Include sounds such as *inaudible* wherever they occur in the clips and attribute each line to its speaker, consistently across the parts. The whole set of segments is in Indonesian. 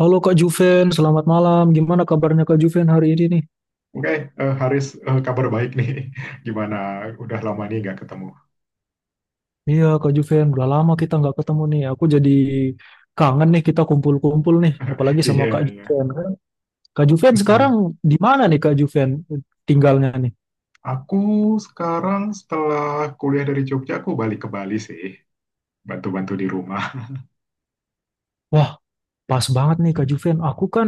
Speaker 1: Halo Kak Juven, selamat malam. Gimana kabarnya Kak Juven hari ini nih?
Speaker 2: Oke, Haris, kabar baik nih. *laughs* Gimana? Udah lama nih nggak ketemu.
Speaker 1: Iya Kak Juven, udah lama kita nggak ketemu nih. Aku jadi kangen nih kita kumpul-kumpul nih, apalagi sama Kak
Speaker 2: Iya, *laughs* iya.
Speaker 1: Juven, kan. Kak Juven sekarang
Speaker 2: Mm-mm.
Speaker 1: di mana nih Kak Juven tinggalnya nih?
Speaker 2: Aku sekarang setelah kuliah dari Jogja, aku balik ke Bali sih. Bantu-bantu di rumah.
Speaker 1: Wah, pas banget nih Kak Juven. Aku kan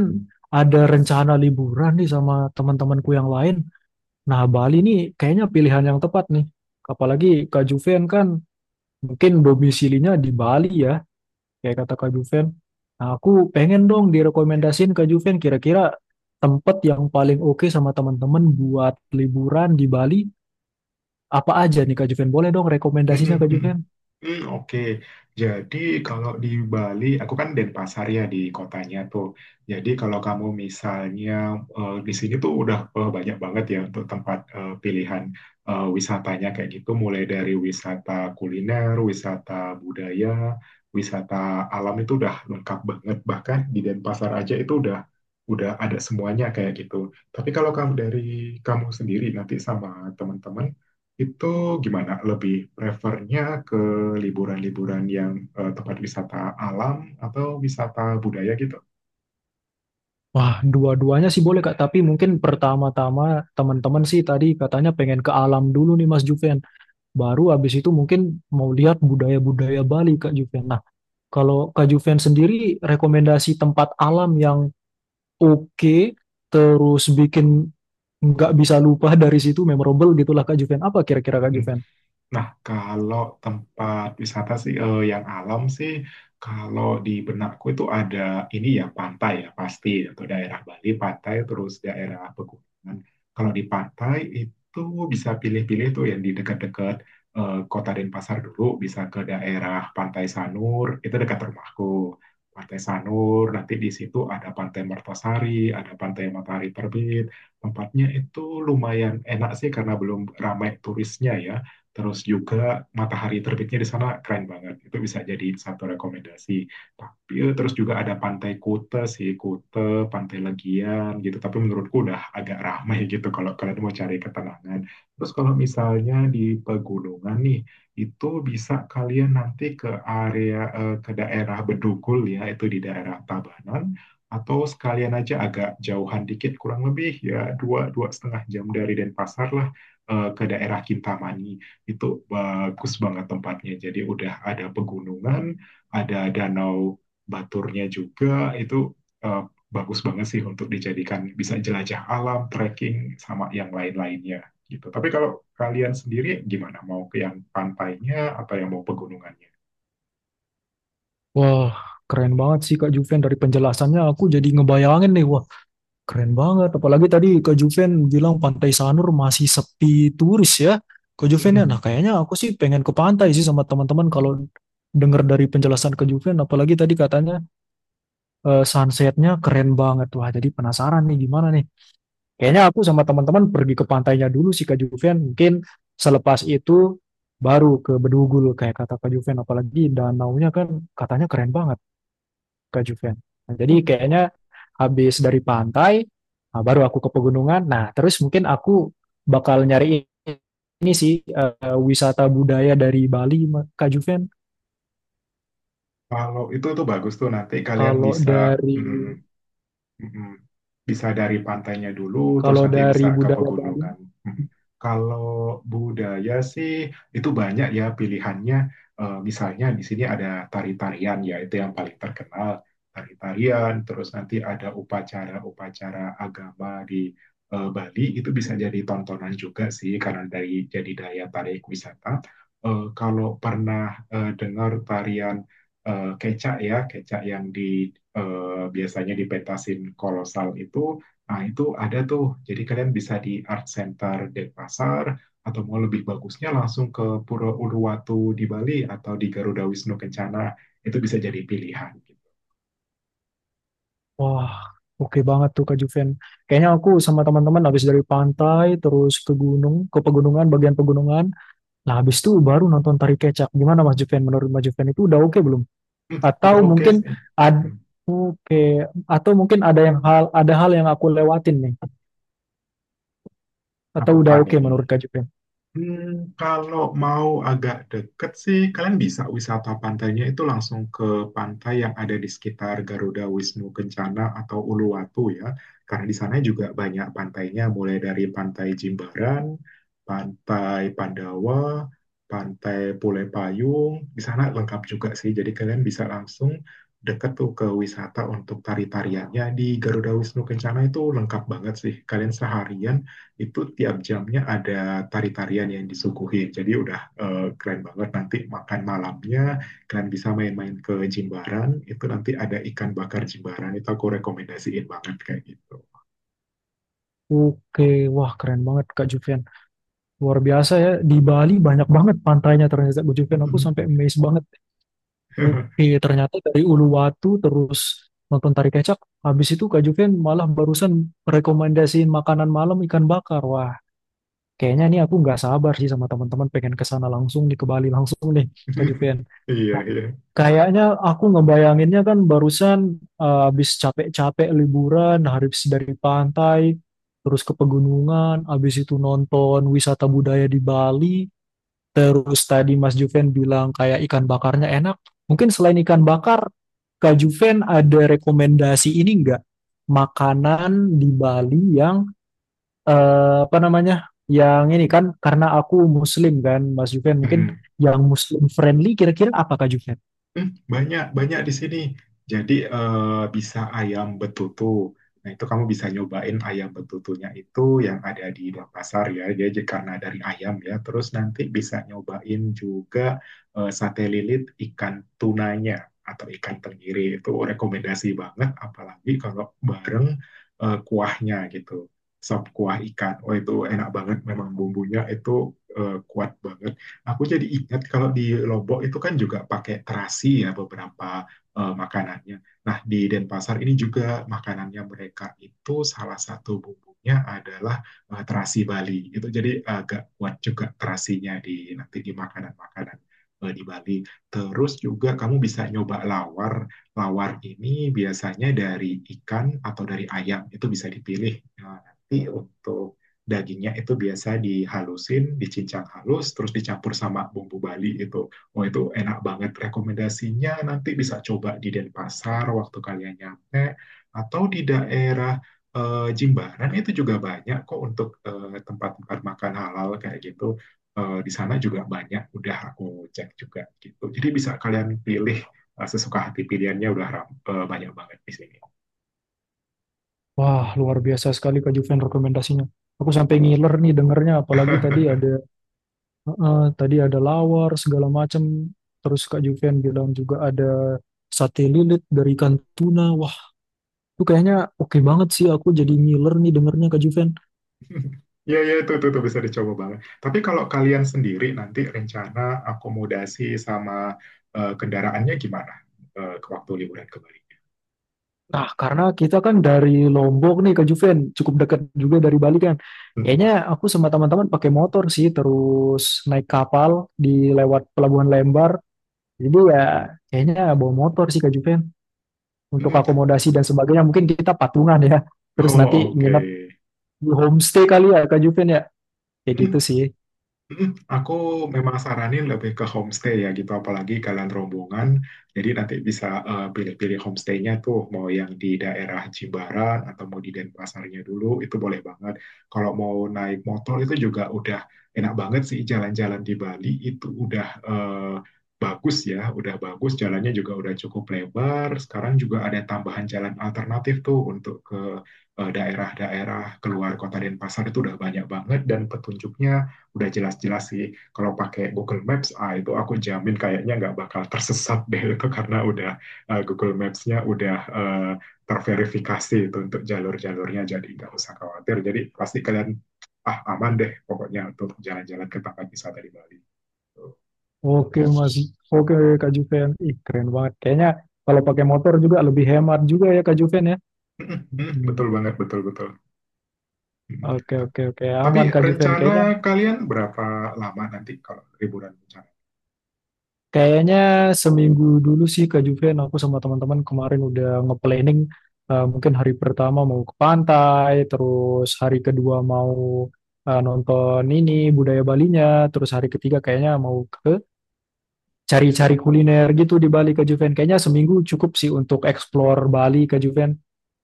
Speaker 1: ada rencana liburan nih sama teman-temanku yang lain. Nah, Bali nih kayaknya pilihan yang tepat nih. Apalagi Kak Juven kan mungkin domisilinya di Bali ya, kayak kata Kak Juven. Nah, aku pengen dong direkomendasiin Kak Juven kira-kira tempat yang paling oke sama teman-teman buat liburan di Bali apa aja nih Kak Juven? Boleh dong
Speaker 2: Mm-mm,
Speaker 1: rekomendasinya Kak
Speaker 2: mm-mm.
Speaker 1: Juven?
Speaker 2: Oke, jadi kalau di Bali, aku kan Denpasar ya di kotanya tuh. Jadi kalau kamu misalnya di sini tuh udah banyak banget ya untuk tempat pilihan wisatanya kayak gitu, mulai dari wisata kuliner, wisata budaya, wisata alam itu udah lengkap banget. Bahkan di Denpasar aja itu udah ada semuanya kayak gitu. Tapi kalau kamu sendiri nanti sama teman-teman itu gimana? Lebih prefernya ke liburan-liburan yang tempat wisata alam atau wisata budaya gitu?
Speaker 1: Wah, dua-duanya sih boleh Kak, tapi mungkin pertama-tama teman-teman sih tadi katanya pengen ke alam dulu nih Mas Juven. Baru habis itu mungkin mau lihat budaya-budaya Bali Kak Juven. Nah, kalau Kak Juven sendiri rekomendasi tempat alam yang oke terus bikin nggak bisa lupa dari situ memorable gitulah Kak Juven. Apa kira-kira Kak
Speaker 2: Hmm.
Speaker 1: Juven?
Speaker 2: Nah, kalau tempat wisata sih yang alam sih, kalau di benakku itu ada ini ya pantai ya pasti atau daerah Bali pantai terus daerah pegunungan. Kalau di pantai itu bisa pilih-pilih tuh yang di dekat-dekat Kota Denpasar dulu, bisa ke daerah Pantai Sanur, itu dekat rumahku. Pantai Sanur, nanti di situ ada Pantai Mertasari, ada Pantai Matahari Terbit. Tempatnya itu lumayan enak sih karena belum ramai turisnya ya. Terus juga matahari terbitnya di sana keren banget. Itu bisa jadi satu rekomendasi. Tapi terus juga ada Pantai Kuta sih, Kuta, Pantai Legian gitu. Tapi menurutku udah agak ramai *laughs* gitu kalau kalian mau cari ketenangan. Terus kalau misalnya di pegunungan nih, itu bisa kalian nanti ke daerah Bedugul ya, itu di daerah Tabanan atau sekalian aja agak jauhan dikit kurang lebih ya 2-2,5 jam dari Denpasar lah, ke daerah Kintamani itu bagus banget tempatnya. Jadi udah ada pegunungan, ada danau Baturnya juga. Itu eh, bagus banget sih untuk dijadikan bisa jelajah alam, trekking sama yang lain-lainnya gitu. Tapi kalau kalian sendiri gimana? Mau ke yang pantainya atau yang mau pegunungannya?
Speaker 1: Wah, keren banget sih Kak Juven, dari penjelasannya aku jadi ngebayangin nih. Wah, keren banget. Apalagi tadi Kak Juven bilang Pantai Sanur masih sepi turis ya. Kak Juven ya,
Speaker 2: Mm-mm.
Speaker 1: nah kayaknya aku sih pengen ke pantai sih sama teman-teman kalau dengar dari penjelasan Kak Juven. Apalagi tadi katanya sunsetnya keren banget. Wah, jadi penasaran nih gimana nih. Kayaknya aku sama teman-teman pergi ke pantainya dulu sih Kak Juven. Mungkin selepas itu baru ke Bedugul kayak kata Kak Juven. Apalagi danaunya kan katanya keren banget Kak Juven. Nah, jadi kayaknya habis dari pantai, nah, baru aku ke pegunungan. Nah, terus mungkin aku bakal nyari ini sih wisata budaya dari Bali Kak Juven.
Speaker 2: Kalau itu tuh bagus tuh nanti kalian
Speaker 1: Kalau
Speaker 2: bisa.
Speaker 1: dari
Speaker 2: Mm-mm. Bisa dari pantainya dulu, terus
Speaker 1: kalau
Speaker 2: nanti
Speaker 1: dari
Speaker 2: bisa ke
Speaker 1: budaya Bali.
Speaker 2: pegunungan. Mm. Kalau budaya sih itu banyak ya pilihannya. Misalnya di sini ada tari-tarian ya, itu yang paling terkenal. Tari-tarian, terus nanti ada upacara-upacara agama di Bali itu bisa jadi tontonan juga sih karena dari jadi daya tarik wisata. Kalau pernah dengar tarian kecak ya, kecak yang di biasanya dipetasin kolosal itu, nah itu ada tuh. Jadi kalian bisa di Art Center Denpasar atau mau lebih bagusnya langsung ke Pura Uluwatu di Bali atau di Garuda Wisnu Kencana itu bisa jadi pilihan. Gitu.
Speaker 1: Wah, oke banget tuh Kak Juven. Kayaknya aku sama teman-teman habis dari pantai, terus ke gunung, ke pegunungan, bagian pegunungan. Nah, habis itu baru nonton tari kecak. Gimana Mas Juven? Menurut Mas Juven itu udah oke belum?
Speaker 2: Udah
Speaker 1: Atau
Speaker 2: oke
Speaker 1: mungkin
Speaker 2: sih.
Speaker 1: ada
Speaker 2: Hmm,
Speaker 1: oke, atau mungkin ada hal yang aku lewatin nih. Atau udah
Speaker 2: apa
Speaker 1: oke
Speaker 2: nih?
Speaker 1: menurut Kak Juven?
Speaker 2: Hmm, kalau mau agak deket sih, kalian bisa wisata pantainya itu langsung ke pantai yang ada di sekitar Garuda Wisnu Kencana atau Uluwatu ya. Karena di sana juga banyak pantainya, mulai dari Pantai Jimbaran, Pantai Pandawa, Pantai Pule Payung. Di sana lengkap juga sih, jadi kalian bisa langsung deket tuh ke wisata untuk tari-tariannya di Garuda Wisnu Kencana itu lengkap banget sih. Kalian seharian itu tiap jamnya ada tari-tarian yang disuguhin. Jadi udah keren banget, nanti makan malamnya kalian bisa main-main ke Jimbaran, itu nanti ada ikan bakar Jimbaran itu aku rekomendasiin banget kayak gitu.
Speaker 1: Oke, wah keren banget Kak Juven. Luar biasa ya, di Bali banyak banget pantainya ternyata Kak Juven. Aku sampai amazed banget. Oke,
Speaker 2: *laughs*
Speaker 1: ternyata dari Uluwatu terus nonton tari kecak. Habis itu Kak Juven malah barusan rekomendasiin makanan malam ikan bakar. Wah, kayaknya nih aku nggak sabar sih sama teman-teman pengen ke sana langsung nih, ke Bali langsung nih Kak Juven.
Speaker 2: Iya,
Speaker 1: Nah,
Speaker 2: iya.
Speaker 1: kayaknya aku ngebayanginnya kan barusan habis capek-capek liburan, habis dari pantai, terus ke pegunungan, habis itu nonton wisata budaya di Bali. Terus tadi Mas Juven bilang kayak ikan bakarnya enak. Mungkin selain ikan bakar, Kak Juven ada rekomendasi ini nggak. Makanan di Bali yang apa namanya? Yang ini kan karena aku muslim kan, Mas Juven mungkin
Speaker 2: Mm-mm.
Speaker 1: yang muslim friendly kira-kira apa Kak Juven?
Speaker 2: Hmm, banyak banyak di sini. Jadi bisa ayam betutu. Nah itu kamu bisa nyobain ayam betutunya itu yang ada di Denpasar ya. Jadi karena dari ayam ya. Terus nanti bisa nyobain juga sate lilit ikan tunanya atau ikan tenggiri, itu rekomendasi banget. Apalagi kalau bareng kuahnya gitu. Sop kuah ikan. Oh itu enak banget. Memang bumbunya itu kuat banget. Aku jadi ingat kalau di Lombok itu kan juga pakai terasi ya beberapa makanannya. Nah, di Denpasar ini juga makanannya mereka itu salah satu bumbunya adalah terasi Bali. Itu jadi agak kuat juga terasinya di nanti di makanan-makanan di Bali. Terus juga kamu bisa nyoba lawar. Lawar ini biasanya dari ikan atau dari ayam. Itu bisa dipilih. Nah, nanti untuk dagingnya itu biasa dihalusin, dicincang halus, terus dicampur sama bumbu Bali itu. Oh itu enak banget rekomendasinya. Nanti bisa coba di Denpasar waktu kalian nyampe atau di daerah Jimbaran itu juga banyak kok untuk tempat-tempat makan halal kayak gitu. Di sana juga banyak. Udah aku cek juga gitu. Jadi bisa kalian pilih sesuka hati, pilihannya udah banyak banget di sini.
Speaker 1: Wah, luar biasa sekali Kak Juven rekomendasinya. Aku sampai ngiler nih dengernya apalagi tadi
Speaker 2: *laughs*
Speaker 1: ada tadi ada lawar segala macam. Terus Kak Juven bilang juga ada sate lilit dari ikan tuna. Itu kayaknya oke banget sih, aku jadi ngiler nih dengernya Kak Juven.
Speaker 2: Iya, iya, itu bisa dicoba banget. Tapi kalau kalian sendiri nanti rencana akomodasi sama kendaraannya gimana ke waktu liburan ke Bali?
Speaker 1: Nah, karena kita kan dari Lombok nih Kak Juven, cukup dekat juga dari Bali kan. Kayaknya
Speaker 2: Mm-mm.
Speaker 1: aku sama teman-teman pakai motor sih, terus naik kapal di lewat Pelabuhan Lembar. Jadi ya kayaknya bawa motor sih Kak Juven. Untuk
Speaker 2: Mm.
Speaker 1: akomodasi dan sebagainya mungkin kita patungan ya. Terus
Speaker 2: Oh,
Speaker 1: nanti
Speaker 2: oke.
Speaker 1: nginep di homestay kali ya Kak Juven ya. Kayak gitu sih.
Speaker 2: Aku memang saranin lebih ke homestay ya gitu, apalagi kalian rombongan. Jadi nanti bisa pilih-pilih homestaynya tuh, mau yang di daerah Jimbaran atau mau di Denpasarnya dulu, itu boleh banget. Kalau mau naik motor itu juga udah enak banget sih, jalan-jalan di Bali itu udah bagus ya, udah bagus, jalannya juga udah cukup lebar. Sekarang juga ada tambahan jalan alternatif tuh untuk ke daerah-daerah keluar kota Denpasar itu udah banyak banget dan petunjuknya udah jelas-jelas sih, kalau pakai Google Maps itu aku jamin kayaknya nggak bakal tersesat *laughs* deh itu, karena udah Google Maps-nya udah eh, terverifikasi itu untuk jalur-jalurnya, jadi nggak usah khawatir, jadi pasti kalian aman deh pokoknya untuk jalan-jalan ke tempat wisata di Bali tuh.
Speaker 1: Oke Mas, oke Kak Juven. Ih keren banget. Kayaknya kalau pakai motor juga lebih hemat juga ya Kak Juven ya.
Speaker 2: *laughs*
Speaker 1: Mm-mm.
Speaker 2: Betul banget, betul, betul.
Speaker 1: Oke
Speaker 2: *laughs*
Speaker 1: oke oke aman
Speaker 2: Tapi
Speaker 1: Kak Juven kayaknya.
Speaker 2: rencana kalian berapa lama nanti kalau liburan?
Speaker 1: Kayaknya seminggu dulu sih Kak Juven, aku sama teman-teman kemarin udah nge-planning. Mungkin hari pertama mau ke pantai, terus hari kedua mau nonton ini budaya Balinya, terus hari ketiga kayaknya mau ke cari-cari kuliner gitu di Bali Kak Juven. Kayaknya seminggu cukup sih untuk explore Bali Kak Juven.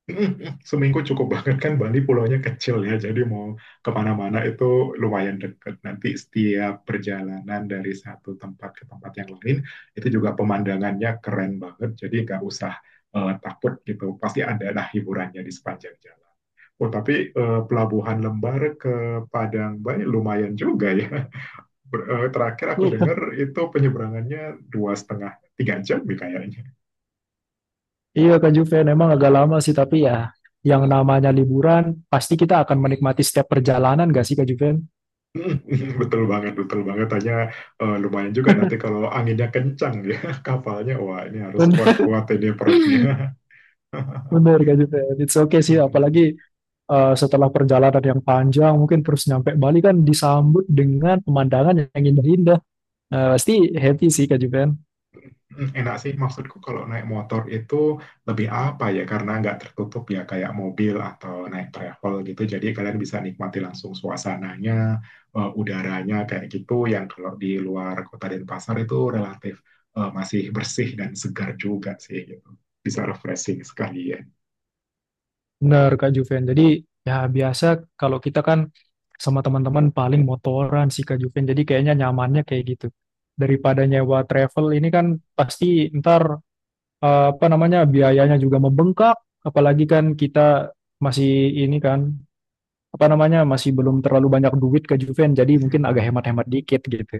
Speaker 2: *laughs* Seminggu cukup banget, kan Bali pulaunya kecil ya, jadi mau kemana-mana itu lumayan dekat. Nanti setiap perjalanan dari satu tempat ke tempat yang lain itu juga pemandangannya keren banget, jadi nggak usah takut gitu. Pasti ada lah hiburannya di sepanjang jalan. Oh tapi Pelabuhan Lembar ke Padang Bay lumayan juga ya. Terakhir aku
Speaker 1: Iya.
Speaker 2: dengar itu penyeberangannya 2,5-3 jam ya kayaknya.
Speaker 1: Iya Kak Juven, emang agak lama sih tapi ya yang namanya liburan pasti kita akan menikmati setiap perjalanan gak sih Kak Juven?
Speaker 2: *laughs* Betul banget, betul banget. Hanya lumayan juga nanti kalau anginnya kencang ya *laughs* kapalnya. Wah, ini harus
Speaker 1: Bener,
Speaker 2: kuat-kuat ini perutnya.
Speaker 1: *laughs* bener Kak Juven.
Speaker 2: *laughs*
Speaker 1: It's okay sih,
Speaker 2: Mm-mm.
Speaker 1: apalagi setelah perjalanan yang panjang, mungkin terus nyampe Bali kan disambut dengan pemandangan yang indah-indah. Nah, pasti happy sih Kak Juven.
Speaker 2: Enak sih maksudku kalau naik motor itu lebih apa ya, karena nggak tertutup ya kayak mobil atau naik travel gitu. Jadi kalian bisa nikmati langsung suasananya, udaranya kayak gitu. Yang kalau di luar kota Denpasar itu relatif masih bersih dan segar juga sih gitu. Bisa refreshing sekalian.
Speaker 1: Bener Kak Juven. Jadi ya biasa kalau kita kan sama teman-teman paling motoran sih Kak Juven. Jadi kayaknya nyamannya kayak gitu. Daripada nyewa travel ini kan pasti ntar apa namanya biayanya juga membengkak. Apalagi kan kita masih ini kan apa namanya masih belum terlalu banyak duit Kak Juven, jadi mungkin
Speaker 2: *laughs*
Speaker 1: agak hemat-hemat dikit gitu.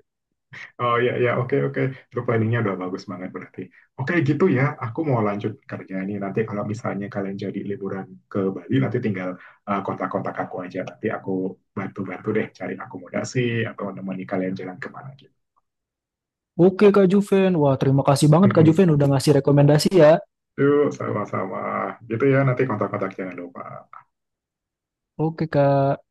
Speaker 2: Oh, ya, ya, oke, oke. Itu planningnya udah bagus banget berarti. Oke gitu ya, aku mau lanjut kerja ini. Nanti kalau misalnya kalian jadi liburan ke Bali, nanti tinggal kontak-kontak aku aja. Nanti aku bantu-bantu deh cari akomodasi atau nemani kalian jalan kemana gitu.
Speaker 1: Oke Kak Juven, wah terima kasih banget Kak
Speaker 2: Mm-mm.
Speaker 1: Juven udah ngasih rekomendasi ya.
Speaker 2: Yuk sama-sama. Gitu ya, nanti kontak-kontak jangan lupa.
Speaker 1: Oke Kak.